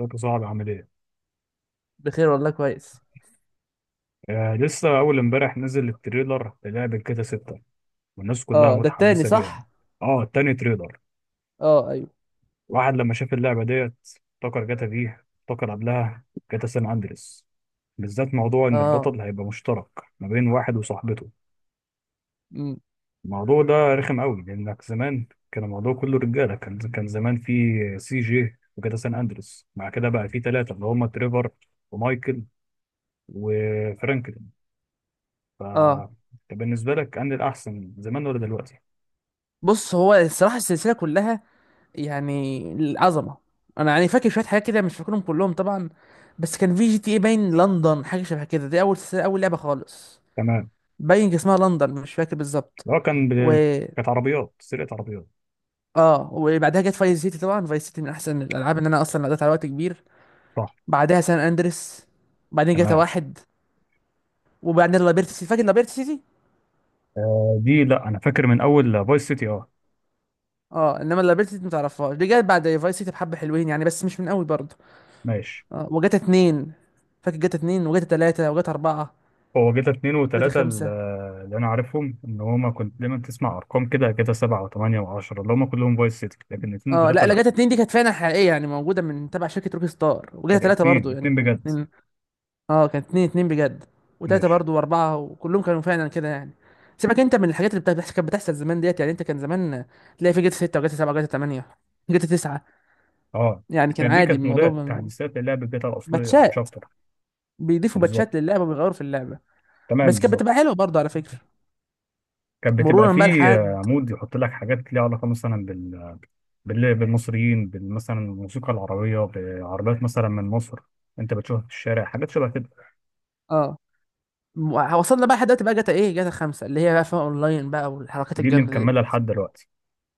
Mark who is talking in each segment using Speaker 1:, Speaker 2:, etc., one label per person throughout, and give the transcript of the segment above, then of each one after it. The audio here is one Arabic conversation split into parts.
Speaker 1: ازيك صعب؟ عامل ايه؟
Speaker 2: بخير والله، كويس.
Speaker 1: آه، لسه اول امبارح نزل التريلر للعبة كده ستة، والناس كلها
Speaker 2: اه، ده التاني،
Speaker 1: متحمسة ليها.
Speaker 2: صح.
Speaker 1: اه، تاني تريلر.
Speaker 2: اه، ايوه.
Speaker 1: واحد لما شاف اللعبة ديت افتكر جاتا فيه، افتكر قبلها، جاتا سان اندريس، بالذات موضوع ان
Speaker 2: اه.
Speaker 1: البطل هيبقى مشترك ما بين واحد وصاحبته.
Speaker 2: مم.
Speaker 1: الموضوع ده رخم قوي، لانك زمان كان الموضوع كله رجالة. كان زمان في سي جي وجاتا سان اندريس، مع كده بقى في ثلاثة اللي هم تريفر ومايكل وفرانكل. ف
Speaker 2: اه،
Speaker 1: بالنسبة لك أنهي الأحسن، زمان ولا دلوقتي؟
Speaker 2: بص هو الصراحه السلسله كلها يعني العظمه. انا يعني فاكر شويه حاجات كده، مش فاكرهم كلهم طبعا. بس كان في جي تي اي باين لندن، حاجه شبه كده، دي اول سلسله، اول لعبه خالص.
Speaker 1: تمام.
Speaker 2: باين اسمها لندن، مش فاكر بالظبط.
Speaker 1: لو كان
Speaker 2: و
Speaker 1: كانت عربيات سرقة عربيات.
Speaker 2: اه، وبعدها جت فايس سيتي. طبعا فايس سيتي من احسن الالعاب، ان انا اصلا قضيت على وقت كبير.
Speaker 1: صح.
Speaker 2: بعدها سان اندريس، بعدين جاتا
Speaker 1: تمام.
Speaker 2: واحد، وبعدين لابيرت سيتي. فاكر لابيرت سيتي.
Speaker 1: آه دي لا، أنا فاكر من أول فايس سيتي، أه.
Speaker 2: اه، انما لابيلتي دي متعرفهاش، دي جت بعد فايس سيتي. بحبه حلوين يعني، بس مش من قوي برضه.
Speaker 1: ماشي.
Speaker 2: اه وجت اتنين. فاكر جت اتنين وجت تلاتة وجت اربعة
Speaker 1: هو جيتا اتنين
Speaker 2: وجت
Speaker 1: وتلاتة
Speaker 2: خمسة.
Speaker 1: اللي أنا عارفهم إن هما كنت دايما تسمع أرقام كده جيتا سبعة وتمانية وعشرة اللي هما كلهم فايس سيتي، لكن اتنين
Speaker 2: اه،
Speaker 1: وتلاتة
Speaker 2: لا لا،
Speaker 1: لا.
Speaker 2: جت اتنين دي كانت فعلا حقيقية، يعني موجودة من تبع شركة روك ستار.
Speaker 1: كان
Speaker 2: وجت تلاتة
Speaker 1: اتنين
Speaker 2: برضه،
Speaker 1: اتنين
Speaker 2: يعني
Speaker 1: بجد.
Speaker 2: اتنين. اه، كانت اتنين اتنين بجد، وتلاتة
Speaker 1: ماشي.
Speaker 2: برضه واربعة، وكلهم كانوا فعلا كده يعني. سيبك انت من الحاجات اللي كانت بتحصل زمان ديت. يعني انت كان زمان تلاقي في جت ستة وجت سبعة وجت تمانية، جت تسعة.
Speaker 1: أه
Speaker 2: يعني كان
Speaker 1: دي
Speaker 2: عادي
Speaker 1: كانت
Speaker 2: الموضوع
Speaker 1: مودات تحديثات للعبة جيتا الأصلية مش
Speaker 2: باتشات،
Speaker 1: أكتر.
Speaker 2: بيضيفوا باتشات
Speaker 1: بالظبط.
Speaker 2: للعبة وبيغيروا في اللعبة.
Speaker 1: تمام
Speaker 2: بس كانت بتبقى
Speaker 1: بالظبط.
Speaker 2: حلوه برضه على فكره،
Speaker 1: كانت بتبقى
Speaker 2: مرورا بقى
Speaker 1: فيه
Speaker 2: لحد.
Speaker 1: عمود يحط لك حاجات ليها علاقة، مثلا بالمصريين، مثلا الموسيقى العربية، بعربيات مثلا من مصر انت بتشوفها في الشارع، حاجات شبه كده.
Speaker 2: اه، وصلنا بقى لحد دلوقتي، بقى جاتا ايه، جاتا خمسة، اللي هي بقى فيها اونلاين بقى والحركات
Speaker 1: دي اللي
Speaker 2: الجامده دي.
Speaker 1: مكملة لحد دلوقتي.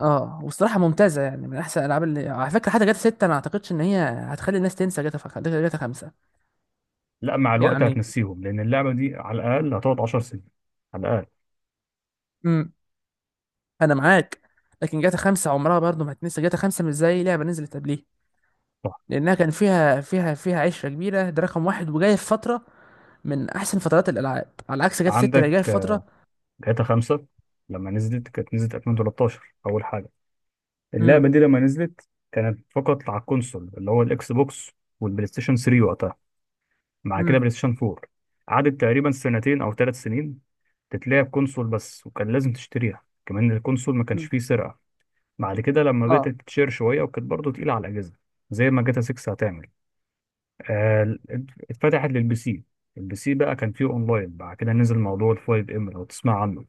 Speaker 2: اه، وصراحه ممتازه يعني، من احسن الالعاب اللي على فكره. حتى جاتا ستة انا ما اعتقدش ان هي هتخلي الناس تنسى جاتا جاتا خمسة
Speaker 1: لا، مع الوقت
Speaker 2: يعني.
Speaker 1: هتنسيهم، لأن اللعبة دي على الأقل هتقعد 10 سنين. على الأقل.
Speaker 2: امم، انا معاك. لكن جاتا خمسة عمرها برضه ما هتنسى جاتا خمسة، مش زي لعبه نزلت قبليه.
Speaker 1: صح.
Speaker 2: لانها كان فيها عشره كبيره، ده رقم واحد، وجايه في فتره من احسن فترات الالعاب، على عكس جاتا ستة اللي
Speaker 1: عندك
Speaker 2: جايه في فتره.
Speaker 1: جاتا 5 لما نزلت كانت نزلت 2013 أول حاجة. اللعبة
Speaker 2: امم.
Speaker 1: دي لما نزلت كانت فقط على الكونسول اللي هو الإكس بوكس والبلاي ستيشن 3 وقتها، مع كده
Speaker 2: امم.
Speaker 1: بلاي ستيشن 4. قعدت تقريبا سنتين او 3 سنين تتلعب كونسول بس، وكان لازم تشتريها كمان، الكونسول ما كانش
Speaker 2: امم.
Speaker 1: فيه سرقة. بعد كده لما
Speaker 2: اه.
Speaker 1: بدأت تتشير شوية، وكانت برضه تقيلة على الأجهزة زي ما جاتا 6 هتعمل. آه، ال- اتفتحت للبي سي. البي سي بقى كان فيه اونلاين، بعد كده نزل موضوع ال 5 ام لو تسمع عنه.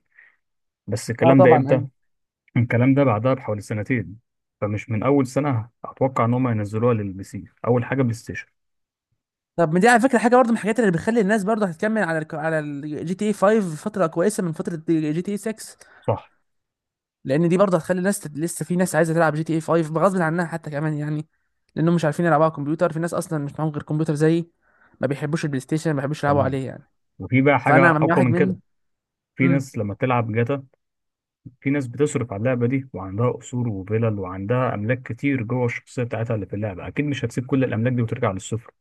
Speaker 1: بس
Speaker 2: اه
Speaker 1: الكلام ده
Speaker 2: طبعا،
Speaker 1: امتى؟
Speaker 2: ايوه.
Speaker 1: الكلام ده بعدها بحوالي سنتين، فمش من أول سنة أتوقع إن هم ينزلوها للبي سي، أول حاجة بلاي ستيشن.
Speaker 2: طب ما دي على فكره حاجه برضه من الحاجات اللي بتخلي الناس برضه هتكمل على على الجي تي اي 5 فتره كويسه من فتره جي تي اي 6.
Speaker 1: صح.
Speaker 2: لان دي برضه هتخلي الناس لسه في ناس عايزه تلعب جي تي اي 5 بغصب عنها حتى كمان يعني. لانهم مش عارفين يلعبوا على الكمبيوتر، في ناس اصلا مش معاهم غير كمبيوتر زيي. ما بيحبوش البلاي ستيشن، ما بيحبوش يلعبوا
Speaker 1: تمام.
Speaker 2: عليه يعني.
Speaker 1: وفي بقى حاجة
Speaker 2: فانا من
Speaker 1: أقوى
Speaker 2: واحد
Speaker 1: من
Speaker 2: من.
Speaker 1: كده. في
Speaker 2: امم.
Speaker 1: ناس لما تلعب جاتا، في ناس بتصرف على اللعبة دي وعندها قصور وفلل وعندها أملاك كتير جوه الشخصية بتاعتها اللي في اللعبة، أكيد مش هتسيب كل الأملاك دي وترجع للصفر.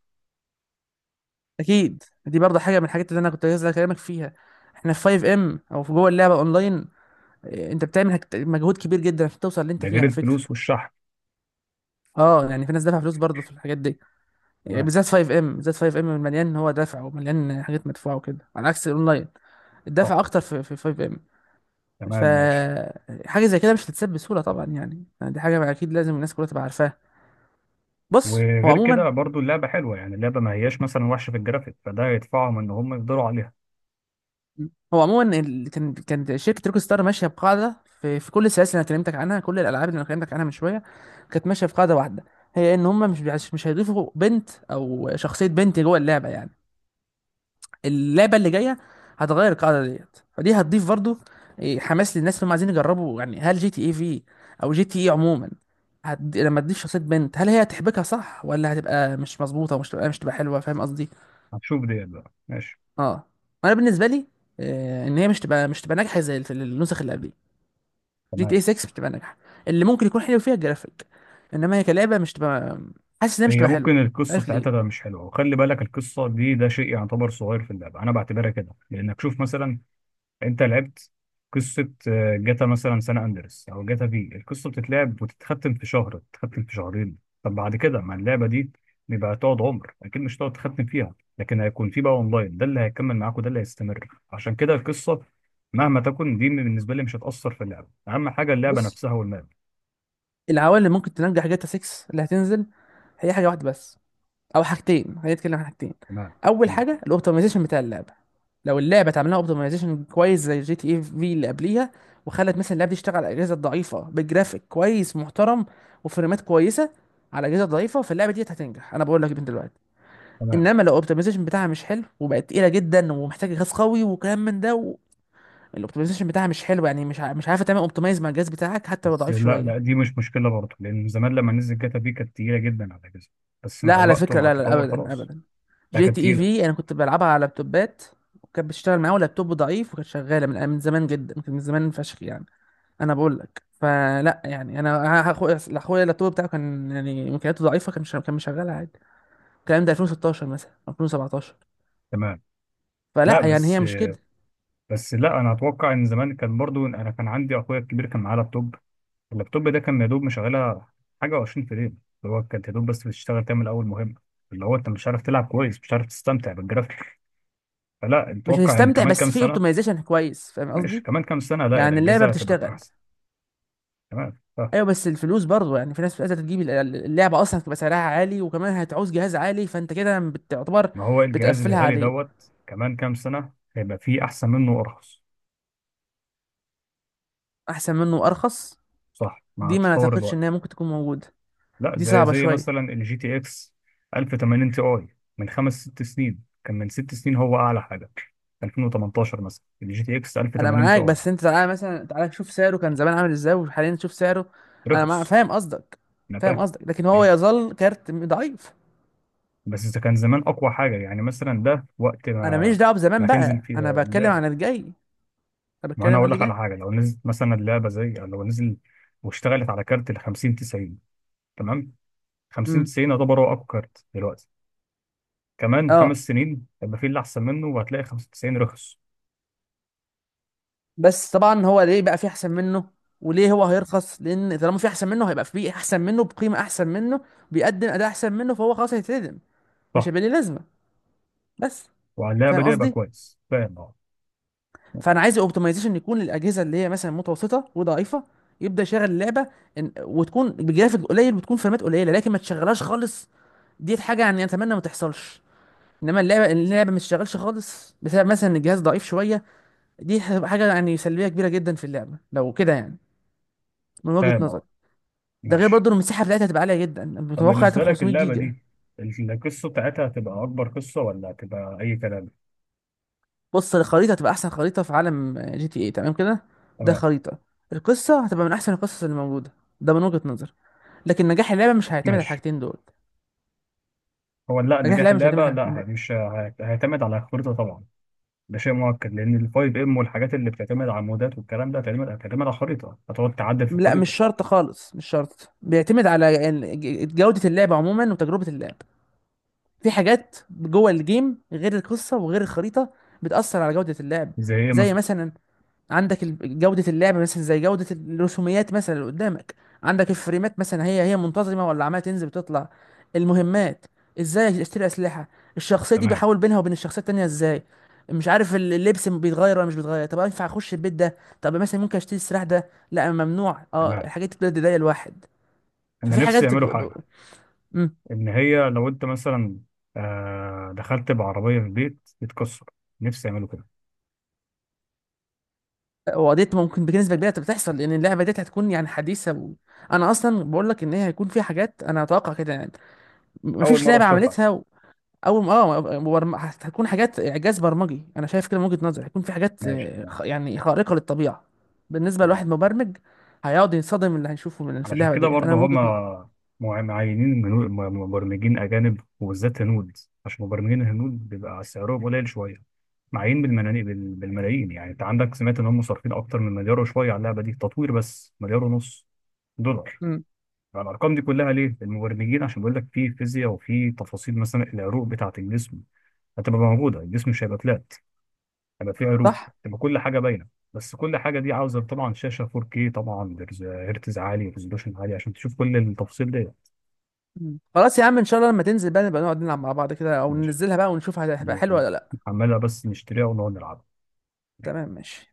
Speaker 2: اكيد، دي برضه حاجه من الحاجات اللي انا كنت عايز اكلمك فيها. احنا في 5 ام او في جوه اللعبه اونلاين، انت بتعمل مجهود كبير جدا عشان توصل اللي انت
Speaker 1: ده
Speaker 2: فيه
Speaker 1: غير
Speaker 2: على فكره.
Speaker 1: الفلوس والشحن.
Speaker 2: اه يعني في ناس دافعه فلوس برضه في الحاجات دي، يعني
Speaker 1: تمام.
Speaker 2: بالذات 5 ام، بالذات 5 ام مليان. هو دفع ومليان حاجات مدفوعه وكده، على عكس الاونلاين.
Speaker 1: صح.
Speaker 2: الدفع اكتر في 5 ام. ف
Speaker 1: تمام ماشي.
Speaker 2: حاجه زي كده مش هتتساب بسهوله طبعا يعني. يعني دي حاجه اكيد لازم الناس كلها تبقى عارفاها. بص هو
Speaker 1: وغير
Speaker 2: عموما،
Speaker 1: كده برضو اللعبة حلوة، يعني اللعبة ما هياش مثلا وحشة في الجرافيك، فده يدفعهم إن هم يفضلوا عليها.
Speaker 2: هو عموما كان شركه روك ستار ماشيه بقاعده في كل السلاسل اللي انا كلمتك عنها، كل الالعاب اللي انا كلمتك عنها من شويه، كانت ماشيه في قاعده واحده. هي ان هم مش هيضيفوا بنت او شخصيه بنت جوه اللعبه يعني. اللعبه اللي جايه هتغير القاعده ديت، فدي هتضيف برضو حماس للناس اللي هم عايزين يجربوا. يعني هل جي تي اي في، او جي تي اي عموما، لما تضيف شخصيه بنت، هل هي هتحبكها صح ولا هتبقى مش مظبوطه؟ ومش تبقى مش تبقى حلوه، فاهم قصدي؟
Speaker 1: هتشوف ديت بقى. ماشي.
Speaker 2: اه، انا بالنسبه لي ان هي مش تبقى ناجحه زي النسخ اللي قبليه. جي تي اي
Speaker 1: تمام.
Speaker 2: 6 مش تبقى ناجحه. اللي ممكن يكون حلو فيها الجرافيك، انما هي كلعبه مش تبقى، حاسس انها مش
Speaker 1: هي
Speaker 2: تبقى حلوه.
Speaker 1: ممكن
Speaker 2: مش
Speaker 1: القصة
Speaker 2: عارف
Speaker 1: بتاعتها
Speaker 2: ليه.
Speaker 1: ده مش حلوة، وخلي بالك القصة دي ده شيء يعتبر صغير في اللعبة، أنا بعتبرها كده لأنك شوف مثلا انت لعبت قصة جاتا مثلا سان اندرس او جاتا، في القصة بتتلعب وتتختم في شهر، تتختم في شهرين. طب بعد كده ما اللعبة دي بيبقى تقعد عمر، اكيد مش هتقعد تختم فيها، لكن هيكون في بقى اونلاين، ده اللي هيكمل معاك وده اللي هيستمر، عشان كده القصة مهما تكن دي بالنسبة لي مش هتأثر في اللعبة. اهم حاجة اللعبة
Speaker 2: بص،
Speaker 1: نفسها والماب.
Speaker 2: العوامل اللي ممكن تنجح جاتا 6 اللي هتنزل، هي حاجه واحده بس، او حاجتين. خلينا نتكلم عن حاجتين.
Speaker 1: تمام.
Speaker 2: اول
Speaker 1: قول.
Speaker 2: حاجه الاوبتمايزيشن بتاع اللعبه. لو اللعبه اتعمل لها اوبتمايزيشن كويس زي جي تي اي في اللي قبليها، وخلت مثلا اللعبه دي تشتغل على الاجهزه الضعيفه بجرافيك كويس محترم وفريمات كويسه على اجهزه ضعيفه، فاللعبه دي هتنجح، انا بقول لك من دلوقتي.
Speaker 1: تمام.
Speaker 2: انما لو الاوبتمايزيشن بتاعها مش حلو، وبقت تقيله جدا ومحتاجه جهاز قوي وكلام من ده. و الاوبتمايزيشن بتاعها مش حلو، يعني مش عارفه تعمل اوبتمايز مع الجهاز بتاعك حتى لو
Speaker 1: بس
Speaker 2: ضعيف
Speaker 1: لا
Speaker 2: شويه.
Speaker 1: لا، دي مش مشكلة برضه، لان زمان لما نزل جاتا في كانت تقيلة جدا على جزء، بس
Speaker 2: لا
Speaker 1: مع
Speaker 2: على
Speaker 1: الوقت
Speaker 2: فكرة،
Speaker 1: ومع
Speaker 2: لا لا،
Speaker 1: التطور
Speaker 2: أبدا
Speaker 1: خلاص.
Speaker 2: أبدا.
Speaker 1: لا
Speaker 2: جي
Speaker 1: كانت
Speaker 2: تي اي
Speaker 1: تقيلة.
Speaker 2: في أنا كنت بلعبها على لابتوبات، وكانت بتشتغل معايا ولابتوب ضعيف. وكانت شغالة من زمان جدا، كان من زمان فشخ يعني. أنا بقول لك فلا يعني. أنا أخويا اللابتوب بتاعه كان يعني إمكانياته ضعيفة، كان مش كان مشغلها عادي. الكلام ده 2016 مثلا أو 2017.
Speaker 1: تمام. لا
Speaker 2: فلا يعني هي
Speaker 1: بس
Speaker 2: مش كده.
Speaker 1: بس لا انا اتوقع ان زمان كان برضو انا كان عندي اخويا الكبير كان معاه لابتوب، اللابتوب ده كان يا دوب مشغلها حاجه و20 فريم، اللي هو كانت يا دوب بس بتشتغل تعمل اول مهمه، اللي هو انت مش عارف تلعب كويس، مش عارف تستمتع بالجرافيك. فلا،
Speaker 2: مش
Speaker 1: اتوقع ان
Speaker 2: هتستمتع،
Speaker 1: كمان كام
Speaker 2: بس في
Speaker 1: سنه.
Speaker 2: اوبتمايزيشن كويس، فاهم
Speaker 1: ماشي.
Speaker 2: قصدي؟
Speaker 1: كمان كام سنه، لا
Speaker 2: يعني اللعبة
Speaker 1: الاجهزه هتبقى
Speaker 2: بتشتغل.
Speaker 1: احسن. تمام.
Speaker 2: ايوه بس الفلوس برضه يعني، في ناس عايزه تجيب اللعبه، اصلا هتبقى سعرها عالي وكمان هتعوز جهاز عالي، فانت كده بتعتبر
Speaker 1: ما هو الجهاز
Speaker 2: بتقفلها
Speaker 1: الغالي
Speaker 2: عليه.
Speaker 1: دوت كمان كام سنه هيبقى فيه احسن منه وارخص.
Speaker 2: احسن منه وارخص.
Speaker 1: صح، مع
Speaker 2: دي ما
Speaker 1: تطور
Speaker 2: اعتقدش
Speaker 1: الوقت.
Speaker 2: ان هي ممكن تكون موجوده.
Speaker 1: لا،
Speaker 2: دي
Speaker 1: زي
Speaker 2: صعبه
Speaker 1: زي مثلا
Speaker 2: شويه.
Speaker 1: الجي تي اكس 1080 تي اي، من خمس ست سنين، كان من 6 سنين هو اعلى حاجه. 2018 مثلا الجي تي اكس
Speaker 2: انا
Speaker 1: 1080 تي
Speaker 2: معاك،
Speaker 1: اي.
Speaker 2: بس انت تعالى مثلا، تعالى شوف سعره كان زمان عامل ازاي وحاليا شوف سعره.
Speaker 1: رخص.
Speaker 2: فاهم قصدك.
Speaker 1: انا
Speaker 2: فاهم
Speaker 1: فاهم.
Speaker 2: قصدك، لكن هو
Speaker 1: تمام.
Speaker 2: يظل كارت ضعيف.
Speaker 1: بس اذا كان زمان اقوى حاجه، يعني مثلا ده وقت
Speaker 2: انا ماليش
Speaker 1: ما
Speaker 2: دعوه
Speaker 1: ما
Speaker 2: بزمان
Speaker 1: تنزل
Speaker 2: بقى،
Speaker 1: في
Speaker 2: انا بتكلم عن
Speaker 1: اللعبه،
Speaker 2: الجاي، انا
Speaker 1: ما انا
Speaker 2: بتكلم عن
Speaker 1: اقول
Speaker 2: اللي
Speaker 1: لك على
Speaker 2: جاي.
Speaker 1: حاجه، لو نزلت مثلا اللعبه، زي لو نزل واشتغلت على كارت ال 50 90. تمام. 50
Speaker 2: امم.
Speaker 1: 90 يعتبر هو اقوى كارت دلوقتي، كمان
Speaker 2: اه،
Speaker 1: 5 سنين هيبقى في اللي احسن منه، وهتلاقي 95 رخص.
Speaker 2: بس طبعا هو ليه بقى في احسن منه، وليه هو هيرخص؟ لان طالما في احسن منه، هيبقى في احسن منه بقيمه احسن منه، بيقدم اداء احسن منه، فهو خلاص هيتردم، مش
Speaker 1: صح.
Speaker 2: هيبقى ليه لازمه. بس
Speaker 1: وعلى اللعبه
Speaker 2: فاهم
Speaker 1: دي يبقى
Speaker 2: قصدي.
Speaker 1: كويس، فاهم اه. ماشي.
Speaker 2: فانا عايز اوبتمايزيشن يكون للاجهزه اللي هي مثلا متوسطه وضعيفه، يبدا يشغل اللعبه وتكون بجرافيك قليل وتكون فريمات قليله، لكن ما تشغلهاش خالص. دي حاجه يعني اتمنى ما تحصلش. انما اللعبه ما تشتغلش خالص بسبب مثلا ان الجهاز ضعيف شويه، دي هتبقى حاجه يعني سلبيه كبيره جدا في اللعبه لو كده يعني، من وجهه
Speaker 1: فاهم
Speaker 2: نظري.
Speaker 1: اه.
Speaker 2: ده غير
Speaker 1: ماشي.
Speaker 2: برضه المساحه بتاعتها، هتبقى عاليه جدا،
Speaker 1: طب
Speaker 2: متوقع
Speaker 1: بالنسبة
Speaker 2: هتبقى
Speaker 1: لك
Speaker 2: 500
Speaker 1: اللعبة
Speaker 2: جيجا.
Speaker 1: دي، القصة بتاعتها هتبقى أكبر قصة ولا هتبقى أي كلام؟
Speaker 2: بص الخريطه هتبقى احسن خريطه في عالم جي تي اي، تمام كده؟ ده
Speaker 1: تمام.
Speaker 2: خريطه. القصه هتبقى من احسن القصص اللي موجوده. ده من وجهه نظر. لكن نجاح اللعبه مش هيعتمد على
Speaker 1: ماشي.
Speaker 2: الحاجتين دول.
Speaker 1: هو لا،
Speaker 2: نجاح
Speaker 1: نجاح
Speaker 2: اللعبه مش هيعتمد
Speaker 1: اللعبة
Speaker 2: على الحاجتين
Speaker 1: لا،
Speaker 2: دول.
Speaker 1: مش هيعتمد على الخريطة طبعا. ده شيء مؤكد، لأن الفايف ام والحاجات اللي بتعتمد على المودات والكلام ده هتعتمد على الخريطة، هتقعد تعدل في
Speaker 2: لا مش
Speaker 1: الخريطة.
Speaker 2: شرط خالص، مش شرط. بيعتمد على جوده اللعبه عموما وتجربه اللعب. في حاجات جوه الجيم غير القصه وغير الخريطه بتاثر على جوده اللعب.
Speaker 1: زي إيه
Speaker 2: زي
Speaker 1: مثلا؟
Speaker 2: مثلا، عندك جودة اللعب مثلا، زي جودة الرسوميات مثلا اللي قدامك. عندك الفريمات مثلا، هي منتظمة ولا عمالة تنزل بتطلع. المهمات، ازاي اشتري اسلحة، الشخصية دي
Speaker 1: تمام.
Speaker 2: بحاول بينها وبين الشخصية التانية ازاي، مش عارف اللبس بيتغير ولا مش بيتغير، طب ينفع اخش البيت ده، طب مثلا ممكن اشتري السلاح ده لا ممنوع، اه،
Speaker 1: تمام.
Speaker 2: الحاجات دي بتضايق الواحد.
Speaker 1: أنا
Speaker 2: ففي
Speaker 1: نفسي
Speaker 2: حاجات
Speaker 1: يعملوا حاجة،
Speaker 2: امم.
Speaker 1: إن هي لو أنت مثلا دخلت بعربية في البيت تتكسر. نفسي يعملوا كده.
Speaker 2: وقضيت، ممكن بنسبة كبيرة بتحصل، لأن اللعبة دي هتكون يعني حديثة و... أنا أصلا بقول لك إن هي هيكون فيها حاجات، أنا أتوقع كده يعني.
Speaker 1: أول
Speaker 2: مفيش
Speaker 1: مرة
Speaker 2: لعبة
Speaker 1: تشوفها.
Speaker 2: عملتها. او اه هتكون حاجات اعجاز برمجي، انا شايف كده من وجهة نظري. هيكون في حاجات
Speaker 1: ماشي. تمام.
Speaker 2: يعني خارقة للطبيعة. بالنسبة لواحد
Speaker 1: تمام.
Speaker 2: مبرمج، هيقعد ينصدم من اللي هيشوفه من في
Speaker 1: علشان
Speaker 2: اللعبة
Speaker 1: كده
Speaker 2: ديت،
Speaker 1: برضه
Speaker 2: انا من وجهة نظري.
Speaker 1: هما معينين مبرمجين أجانب، وبالذات هنود، عشان مبرمجين الهنود بيبقى سعرهم قليل شوية. معين بالملايين بالملايين، يعني أنت عندك سمعت إن هم صارفين أكتر من مليار وشوية على اللعبة دي تطوير، بس مليار ونص دولار.
Speaker 2: مم.
Speaker 1: فالأرقام دي كلها ليه؟ المبرمجين عشان بيقول لك في فيزياء وفي تفاصيل، مثلا العروق بتاعة الجسم هتبقى موجودة، الجسم مش هيبقى فلات، هيبقى في عروض،
Speaker 2: صح.
Speaker 1: تبقى كل حاجه باينه. بس كل حاجه دي عاوزه طبعا شاشه 4K، طبعا هرتز عالي، ريزولوشن عالي، عشان تشوف كل التفاصيل دي.
Speaker 2: مم. خلاص يا عم ان شاء الله لما تنزل بقى، نبقى نقعد نلعب مع بعض كده، او
Speaker 1: ماشي.
Speaker 2: ننزلها بقى ونشوف هتبقى حلوة ولا لا.
Speaker 1: عمالة بس نشتريها ونقعد نلعب.
Speaker 2: تمام، ماشي.